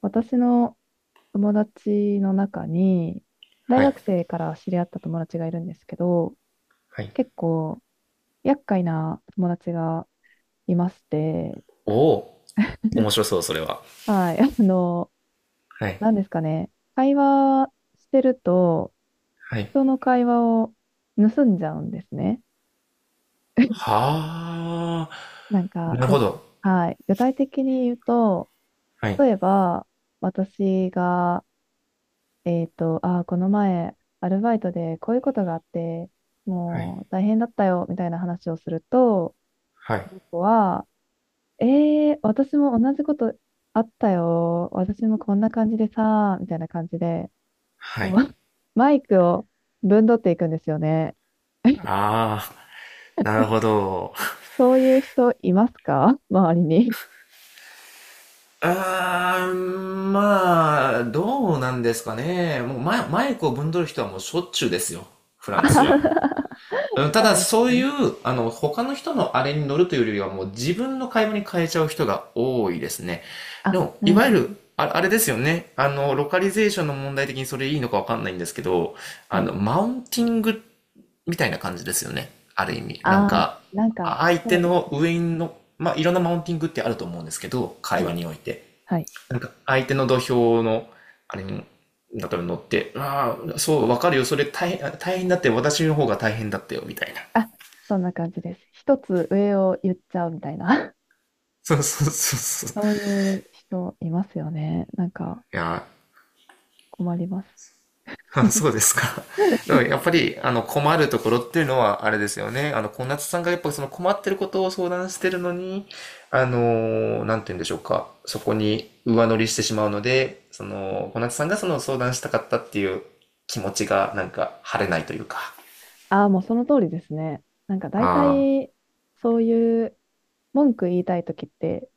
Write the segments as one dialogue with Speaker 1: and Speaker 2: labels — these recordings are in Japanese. Speaker 1: 私の友達の中に、大
Speaker 2: はい。
Speaker 1: 学生から知り合った友達がいるんですけど、
Speaker 2: はい。
Speaker 1: 結構厄介な友達がいまして、
Speaker 2: おお、面白そう、それは。
Speaker 1: はい。
Speaker 2: はい。
Speaker 1: 何ですかね、会話してると、
Speaker 2: はい。
Speaker 1: 人の会話を盗んじゃうんですね。
Speaker 2: はあ、
Speaker 1: なんか、
Speaker 2: なるほ
Speaker 1: ぐ、
Speaker 2: ど。
Speaker 1: はい、具体的に言うと、
Speaker 2: はい。
Speaker 1: 例えば、私がああ、この前、アルバイトでこういうことがあって、
Speaker 2: はい。
Speaker 1: もう大変だったよ、みたいな話をすると、
Speaker 2: はい。
Speaker 1: その子は、私も同じことあったよ、私もこんな感じでさ、みたいな感じで、
Speaker 2: は
Speaker 1: こう、
Speaker 2: い。
Speaker 1: マイクをぶんどっていくんですよね。
Speaker 2: ああ、なるほど。
Speaker 1: そういう人いますか周りに。
Speaker 2: ああ、まあ、どうなんですかね。もうマイクをぶんどる人はもうしょっちゅうですよ。フ ラ
Speaker 1: あ
Speaker 2: ンス
Speaker 1: は
Speaker 2: は。
Speaker 1: は、
Speaker 2: うん、た
Speaker 1: そう
Speaker 2: だ、
Speaker 1: なんで
Speaker 2: そ
Speaker 1: す
Speaker 2: うい
Speaker 1: ね。
Speaker 2: う、他の人のあれに乗るというよりは、もう自分の買い物に変えちゃう人が多いですね。で
Speaker 1: あ、
Speaker 2: も、
Speaker 1: う
Speaker 2: いわゆる、
Speaker 1: ん。
Speaker 2: あ、あれですよね。あの、ロカリゼーションの問題的にそれいいのかわかんないんですけど、
Speaker 1: は
Speaker 2: あ
Speaker 1: い。
Speaker 2: の、マウンティングみたいな感じですよね。ある意味。なん
Speaker 1: ああ、
Speaker 2: か、
Speaker 1: なんか、
Speaker 2: 相
Speaker 1: そ
Speaker 2: 手
Speaker 1: うです
Speaker 2: の
Speaker 1: ね。
Speaker 2: 上の、まあ、いろんなマウンティングってあると思うんですけど、
Speaker 1: は
Speaker 2: 会話
Speaker 1: い。
Speaker 2: において。
Speaker 1: はい。
Speaker 2: なんか、相手の土俵の、あれに、だから乗って、ああ、そう、わかるよ。それ大変、大変だって、私の方が大変だったよ、みたいな。
Speaker 1: あ、そんな感じです。一つ上を言っちゃうみたいな。
Speaker 2: そうそうそう そう。
Speaker 1: そういう人いますよね。なんか
Speaker 2: いや、
Speaker 1: 困ります。
Speaker 2: そうですか。でも やっぱり、あの、困るところっていうのは、あれですよね。あの、小夏さんがやっぱその困ってることを相談してるのに、あのなんて言うんでしょうか。そこに上乗りしてしまうので、その、小夏さんがその相談したかったっていう気持ちが、なんか、晴れないというか。
Speaker 1: ああ、もうその通りですね。なんか大
Speaker 2: あ
Speaker 1: 体、そういう文句言いたいときって、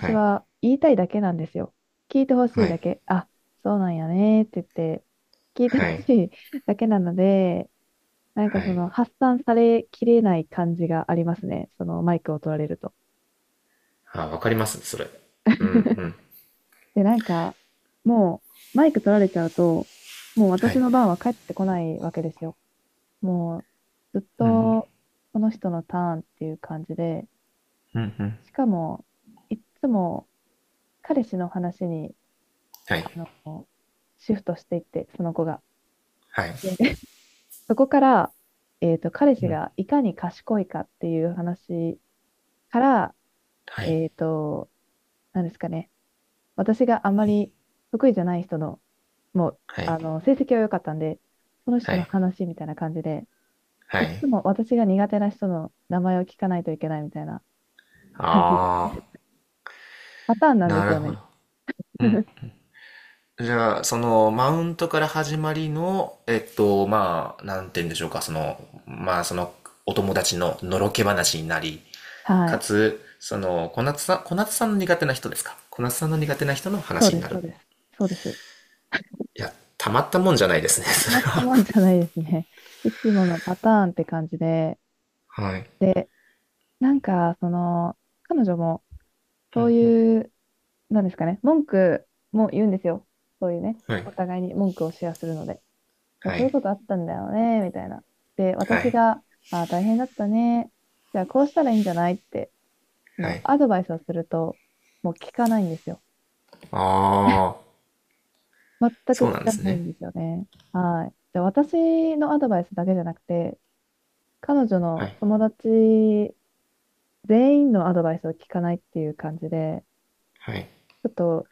Speaker 2: あ、はい、
Speaker 1: は言いたいだけなんですよ。聞いてほしい
Speaker 2: はい、
Speaker 1: だけ。あ、そうなんやねって言って、聞いてほ
Speaker 2: はい、
Speaker 1: しいだけなので、なんか
Speaker 2: は
Speaker 1: そ
Speaker 2: い。
Speaker 1: の発散されきれない感じがありますね。そのマイクを取られると。
Speaker 2: ああ、わかります、それ。うん、うん。
Speaker 1: で、なんか、もう、マイク取られちゃうと、もう
Speaker 2: は
Speaker 1: 私
Speaker 2: い、
Speaker 1: の番は帰ってこないわけですよ。もう、ずっと、その人のターンっていう感じで、しかも、いっつも、彼氏の話に、
Speaker 2: はい、
Speaker 1: こうシフトしていって、その子が。
Speaker 2: はい、
Speaker 1: で、そこから、彼氏がいかに賢いかっていう話から、
Speaker 2: はい、
Speaker 1: えっと、なんですかね、私があんまり得意じゃない人のもう、
Speaker 2: はい、
Speaker 1: 成績は良かったんで、その人
Speaker 2: は
Speaker 1: の
Speaker 2: い、
Speaker 1: 話みたいな感じで、
Speaker 2: は
Speaker 1: い
Speaker 2: い。
Speaker 1: つも私が苦手な人の名前を聞かないといけないみたいな感じで、
Speaker 2: ああ、
Speaker 1: パターンなんで
Speaker 2: な
Speaker 1: す
Speaker 2: る
Speaker 1: よ
Speaker 2: ほ
Speaker 1: ね。
Speaker 2: ど。うん。じゃあ、その、マウントから始まりの、えっと、まあ、なんて言うんでしょうか、その、まあ、その、お友達ののろけ話になり、
Speaker 1: は
Speaker 2: か
Speaker 1: い。
Speaker 2: つ、その、小夏さんの苦手な人ですか、小夏さんの苦手な人の
Speaker 1: そう
Speaker 2: 話に
Speaker 1: で
Speaker 2: な
Speaker 1: す、そ
Speaker 2: る。
Speaker 1: うです。そうです。
Speaker 2: いや、たまったもんじゃないですね、
Speaker 1: 止
Speaker 2: それ
Speaker 1: まった
Speaker 2: は。
Speaker 1: もん じゃないですね。いつものパターンって感じで、
Speaker 2: はい。
Speaker 1: で、なんか、その、彼女も、そういう、なんですかね、文句も言うんですよ。そういうね、
Speaker 2: はい。
Speaker 1: お互いに文句をシェアするので。
Speaker 2: は
Speaker 1: こういう
Speaker 2: い。
Speaker 1: ことあったんだよね、みたいな。で、
Speaker 2: は
Speaker 1: 私
Speaker 2: い。
Speaker 1: が、あー、大変だったね。じゃあ、こうしたらいいんじゃないって、ま
Speaker 2: はい。
Speaker 1: あ、アドバイスをすると、もう聞かないんですよ。
Speaker 2: ああ、
Speaker 1: 全く
Speaker 2: そうな
Speaker 1: 聞
Speaker 2: んで
Speaker 1: か
Speaker 2: す
Speaker 1: ない
Speaker 2: ね。
Speaker 1: んですよね。はい。で、私のアドバイスだけじゃなくて、彼女
Speaker 2: は
Speaker 1: の
Speaker 2: い。
Speaker 1: 友達全員のアドバイスを聞かないっていう感じで、
Speaker 2: はい。
Speaker 1: ちょっと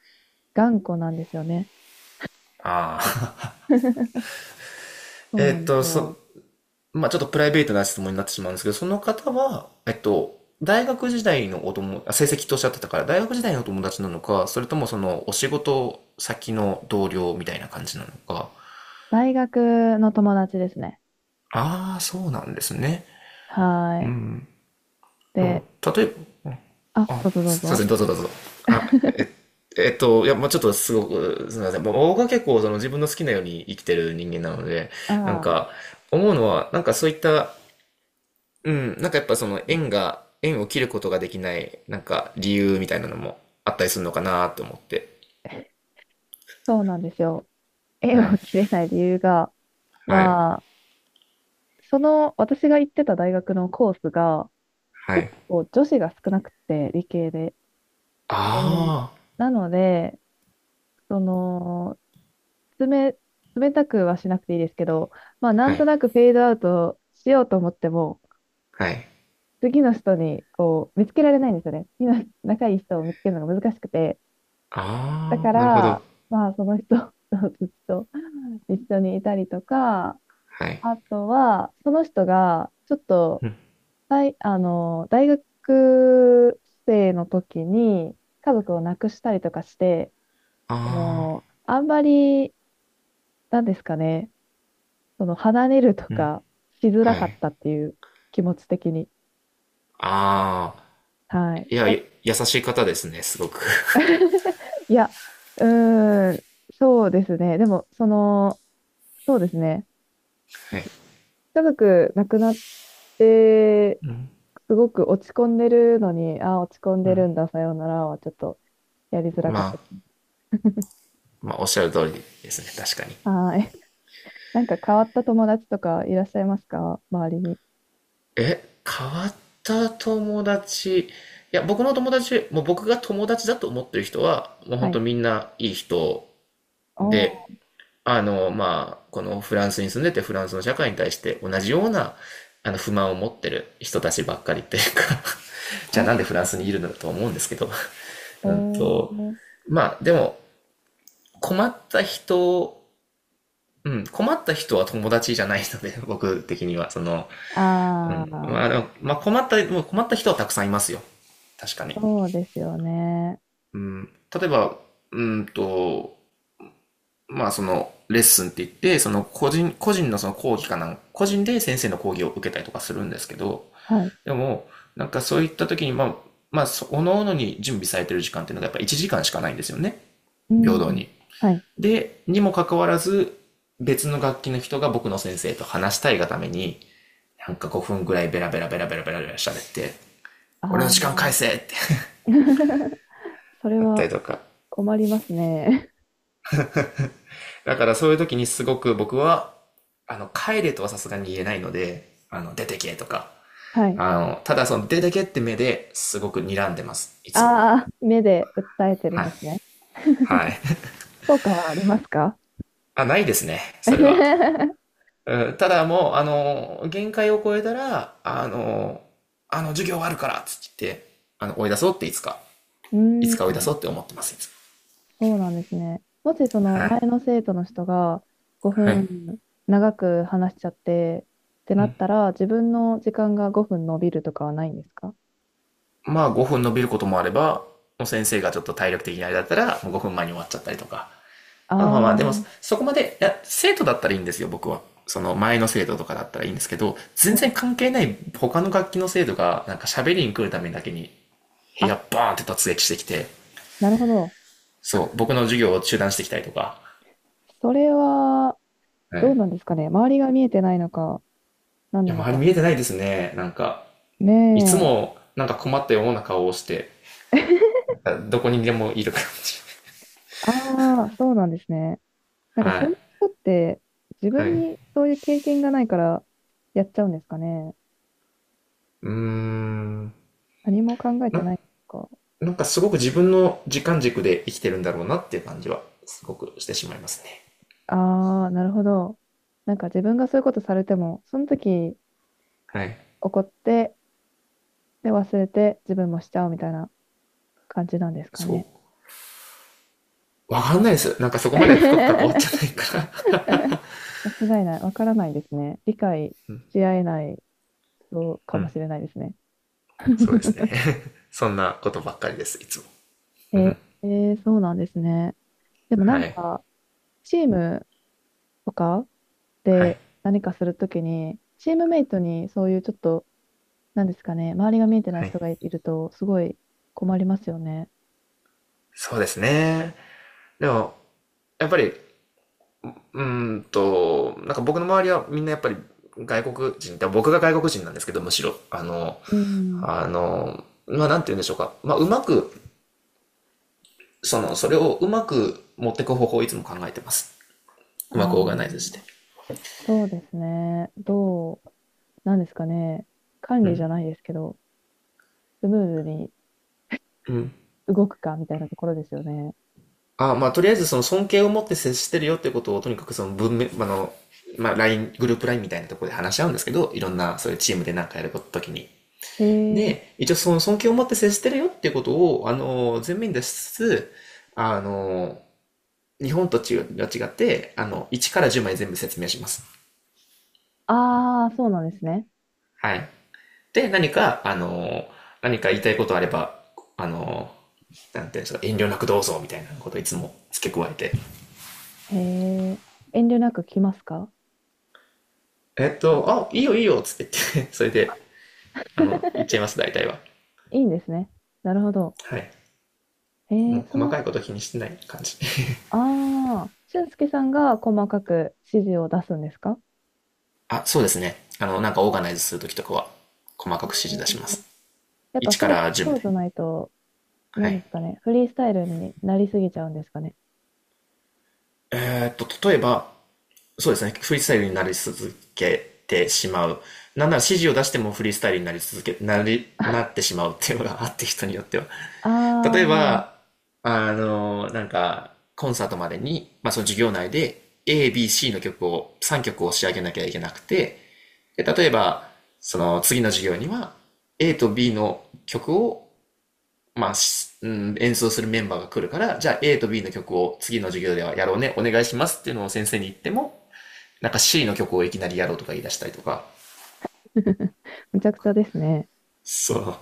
Speaker 1: 頑固なんですよね。
Speaker 2: ああ。
Speaker 1: そう
Speaker 2: え
Speaker 1: な
Speaker 2: っ
Speaker 1: んです
Speaker 2: と、そ、
Speaker 1: よ。
Speaker 2: まあちょっとプライベートな質問になってしまうんですけど、その方は、えっと、大学時代のお友、あ、成績とおっしゃってたから、大学時代のお友達なのか、それともそのお仕事先の同僚みたいな感じなのか。
Speaker 1: 大学の友達ですね。
Speaker 2: ああ、そうなんですね。う
Speaker 1: はい。
Speaker 2: ん。でも、
Speaker 1: で、
Speaker 2: 例えば、
Speaker 1: あ、
Speaker 2: あ、
Speaker 1: どうぞどう
Speaker 2: いませ
Speaker 1: ぞ。
Speaker 2: ん、どうぞどうぞ。あ、え、いや、まあちょっとすごく、すみません。まあ僕は結構その自分の好きなように生きてる人間なので、なん
Speaker 1: ああ、
Speaker 2: か、思うのは、なんかそういったうん、なんかやっぱ縁を切ることができない、なんか理由みたいなのもあったりするのかなと思って。
Speaker 1: そうなんですよ。縁
Speaker 2: は
Speaker 1: を
Speaker 2: い。
Speaker 1: 切れない理由が、
Speaker 2: はい。
Speaker 1: まあ、その、私が行ってた大学のコースが、
Speaker 2: は
Speaker 1: 結
Speaker 2: い。
Speaker 1: 構女子が少なくて、理系で。で、
Speaker 2: あ
Speaker 1: なので、その、冷、冷たくはしなくていいですけど、まあ、な
Speaker 2: あ。
Speaker 1: ん
Speaker 2: はい。
Speaker 1: となくフェードアウトしようと思っても、
Speaker 2: はい。
Speaker 1: 次の人に、こう、見つけられないんですよね。次の仲いい人を見つけるのが難しくて。だ
Speaker 2: あ
Speaker 1: か
Speaker 2: あ、なるほ
Speaker 1: ら、
Speaker 2: ど。
Speaker 1: まあ、その人 とずっと一緒にいたりとか、
Speaker 2: はい。
Speaker 1: あとは、その人が、ちょっと、大学生の時に家族を亡くしたりとかして、あ
Speaker 2: あ
Speaker 1: の、あんまり、なんですかね、その、離れるとかしづ
Speaker 2: あ。
Speaker 1: ら
Speaker 2: は
Speaker 1: かった
Speaker 2: い。
Speaker 1: っていう気持ち的に。
Speaker 2: ああ。
Speaker 1: はい。
Speaker 2: いや、
Speaker 1: さい
Speaker 2: 優しい方ですね、すごく。
Speaker 1: いや、うーん、そうですね。でも、その、そうですね。
Speaker 2: はい。
Speaker 1: 家族亡くなって、すごく落ち込んでるのに、あ落ち込んでるんだ、さようならはちょっとやり づらかっ
Speaker 2: ま
Speaker 1: た
Speaker 2: あ、
Speaker 1: ですね。
Speaker 2: まあ、おっしゃる通りですね、確かに。
Speaker 1: はーい。なんか変わった友達とかいらっしゃいますか周りに。
Speaker 2: え、変わった友達。いや、僕の友達、もう僕が友達だと思ってる人は、もう
Speaker 1: は
Speaker 2: 本当
Speaker 1: い。
Speaker 2: みんないい人
Speaker 1: お
Speaker 2: で、
Speaker 1: ー、
Speaker 2: あの、まあ、このフランスに住んでてフランスの社会に対して同じようなあの不満を持ってる人たちばっかりっていうか じ
Speaker 1: あ
Speaker 2: ゃあなんでフランスにいるのだと思うんですけど
Speaker 1: ー、
Speaker 2: うん
Speaker 1: へ
Speaker 2: と
Speaker 1: え。
Speaker 2: まあでも困った人、うん、困った人は友達じゃないので、僕的には、その、う
Speaker 1: あ
Speaker 2: ん、ま
Speaker 1: あ、
Speaker 2: あでも、まあ困った、もう困った人はたくさんいますよ。確かに。
Speaker 1: そうですよね。
Speaker 2: うん、例えば、うんと、まあそのレッスンって言って、個人で先生の講義を受けたりとかするんですけど、
Speaker 1: はい。
Speaker 2: でも、なんかそういった時に、まあ、そおのおのに準備されてる時間っていうのがやっぱ1時間しかないんですよね。
Speaker 1: う
Speaker 2: 平等
Speaker 1: ん。
Speaker 2: に。
Speaker 1: はい。
Speaker 2: で、にもかかわらず、別の楽器の人が僕の先生と話したいがために、なんか5分ぐらいベラベラベラベラベラベラ喋って、
Speaker 1: あ
Speaker 2: 俺の時間返せ
Speaker 1: あ。
Speaker 2: って
Speaker 1: それ
Speaker 2: やった
Speaker 1: は
Speaker 2: りとか、
Speaker 1: 困りますね。
Speaker 2: だからそういう時にすごく僕は、あの、帰れとはさすがに言えないので、あの、出てけとか、
Speaker 1: はい。
Speaker 2: あの、ただその出てけって目ですごく睨んでます、いつも。
Speaker 1: ああ、目で訴えてるん
Speaker 2: はい。
Speaker 1: ですね。
Speaker 2: はい。
Speaker 1: 効果はありますか？
Speaker 2: あ、ないですね、それは。
Speaker 1: う
Speaker 2: うん、ただもう、あの、限界を超えたら、あの、授業終わるからっつって、あの、追い出そうっていつか、
Speaker 1: ー
Speaker 2: いつ
Speaker 1: ん。
Speaker 2: か追い出そうって思ってます、いつ
Speaker 1: そうなんですね。もしそ
Speaker 2: も。
Speaker 1: の
Speaker 2: はい。
Speaker 1: 前の生徒の人が5
Speaker 2: はい。
Speaker 1: 分長く話しちゃってってなったら、自分の時間が5分伸びるとかはないんですか？
Speaker 2: まあ5分伸びることもあれば、もう先生がちょっと体力的にあれだったら、もう5分前に終わっちゃったりとか、
Speaker 1: ああ
Speaker 2: でも、
Speaker 1: ー、
Speaker 2: そこまで、いや、生徒だったらいいんですよ、僕は。その前の生徒とかだったらいいんですけど、全
Speaker 1: は
Speaker 2: 然
Speaker 1: い。
Speaker 2: 関係ない他の楽器の生徒が、なんか喋りに来るためだけに、部
Speaker 1: あ、
Speaker 2: 屋バーンって突撃してきて、
Speaker 1: なるほど。
Speaker 2: そう、僕の授業を中断してきたりとか。
Speaker 1: それは
Speaker 2: はい。い
Speaker 1: どうなんですかね。周りが見えてないのか、何な
Speaker 2: や、
Speaker 1: の
Speaker 2: 周り見
Speaker 1: か。
Speaker 2: えてないですね。なんか、
Speaker 1: ね
Speaker 2: いつ
Speaker 1: え。
Speaker 2: も、なんか困ったような顔をして、どこにでもいる感じ。
Speaker 1: ああ、そうなんですね。なんか
Speaker 2: は
Speaker 1: その
Speaker 2: い。
Speaker 1: 人って自
Speaker 2: はい。
Speaker 1: 分
Speaker 2: う
Speaker 1: にそういう経験がないからやっちゃうんですかね。
Speaker 2: ーん。
Speaker 1: 何も考えて
Speaker 2: な、
Speaker 1: ないんですか？
Speaker 2: なんかすごく自分の時間軸で生きてるんだろうなっていう感じは、すごくしてしまいますね。
Speaker 1: ああ、なるほど。なんか自分がそういうことされても、その時
Speaker 2: はい。
Speaker 1: 怒って、で、忘れて自分もしちゃうみたいな感じなんですか
Speaker 2: そ
Speaker 1: ね。
Speaker 2: う。わかんないです。なんかそこまで深く関わって ないから
Speaker 1: 間違いない。わからないですね。理解し合えない人 か
Speaker 2: う
Speaker 1: も
Speaker 2: ん。
Speaker 1: しれないですね。
Speaker 2: そうですね。そんなことばっかりです、いつも。
Speaker 1: え
Speaker 2: う
Speaker 1: ー
Speaker 2: ん。
Speaker 1: えーそうなんですね。でもな
Speaker 2: は
Speaker 1: ん
Speaker 2: い。
Speaker 1: か、チームとか
Speaker 2: は
Speaker 1: で
Speaker 2: い。
Speaker 1: 何かするときに、チームメイトにそういうちょっと、なんですかね、周りが見えてない
Speaker 2: はい。
Speaker 1: 人がいると、すごい困りますよね。
Speaker 2: そうですね。でも、やっぱり、うーんと、なんか僕の周りはみんなやっぱり外国人、で僕が外国人なんですけど、むしろ、あの、
Speaker 1: うん。
Speaker 2: あの、まあ、なんて言うんでしょうか。まあ、うまく、その、それをうまく持っていく方法をいつも考えてます。うまく
Speaker 1: あ
Speaker 2: オーガナイズして。
Speaker 1: あ。そうですね。どう、なんですかね。管
Speaker 2: う
Speaker 1: 理じゃ
Speaker 2: ん。
Speaker 1: ないですけど、スムーズに
Speaker 2: うん。
Speaker 1: 動くかみたいなところですよね。
Speaker 2: あ、まあ、とりあえずその尊敬を持って接してるよってことを、とにかくその文面、あの、まあ、ライングループラインみたいなところで話し合うんですけど、いろんな、そういうチームでなんかやるときに。
Speaker 1: へえ。
Speaker 2: で、一応その尊敬を持って接してるよっていうことを、あの、前面に出しつつ、あの、日本と違って、あの、1から10まで全部説明します。
Speaker 1: ああ、そうなんですね。
Speaker 2: はい。で、何か、あの、何か言いたいことあれば、あの、なんていうんですか、遠慮なくどうぞみたいなことをいつも付け加えて、
Speaker 1: へえ。遠慮なく来ますか？
Speaker 2: えっと、
Speaker 1: なんと
Speaker 2: あ、い
Speaker 1: か
Speaker 2: いよいいよっつって言って、それで、あの、言 っちゃいます、大体は。
Speaker 1: いいんですね。なるほど。
Speaker 2: はい。
Speaker 1: へ
Speaker 2: も
Speaker 1: え、
Speaker 2: う
Speaker 1: そ
Speaker 2: 細
Speaker 1: の、
Speaker 2: かいこと気にしてない感じ。
Speaker 1: ああ、俊介さんが細かく指示を出すんですか？
Speaker 2: あ、そうですね。あの、なんかオーガナイズするときとかは、細か
Speaker 1: へ
Speaker 2: く指示出し
Speaker 1: え、
Speaker 2: ます。
Speaker 1: やっぱ
Speaker 2: 1か
Speaker 1: そう、
Speaker 2: ら10ま
Speaker 1: そうじ
Speaker 2: で。
Speaker 1: ゃないと、な
Speaker 2: は
Speaker 1: んで
Speaker 2: い。
Speaker 1: すかね。フリースタイルになりすぎちゃうんですかね。
Speaker 2: えーっと、例えば、そうですね。フリースタイルになり続けてしまう。なんなら指示を出してもフリースタイルになり続け、なってしまうっていうのがあって人によっては。
Speaker 1: あ
Speaker 2: 例え
Speaker 1: あ、
Speaker 2: ば、あの、なんか、コンサートまでに、まあその授業内で A、B、C の曲を、3曲を仕上げなきゃいけなくて、で例えば、その次の授業には A と B の曲を、まあ、うん、演奏するメンバーが来るから、じゃあ A と B の曲を次の授業ではやろうね、お願いしますっていうのを先生に言っても、なんか C の曲をいきなりやろうとか言い出したりとか、
Speaker 1: むちゃくちゃですね。
Speaker 2: そう。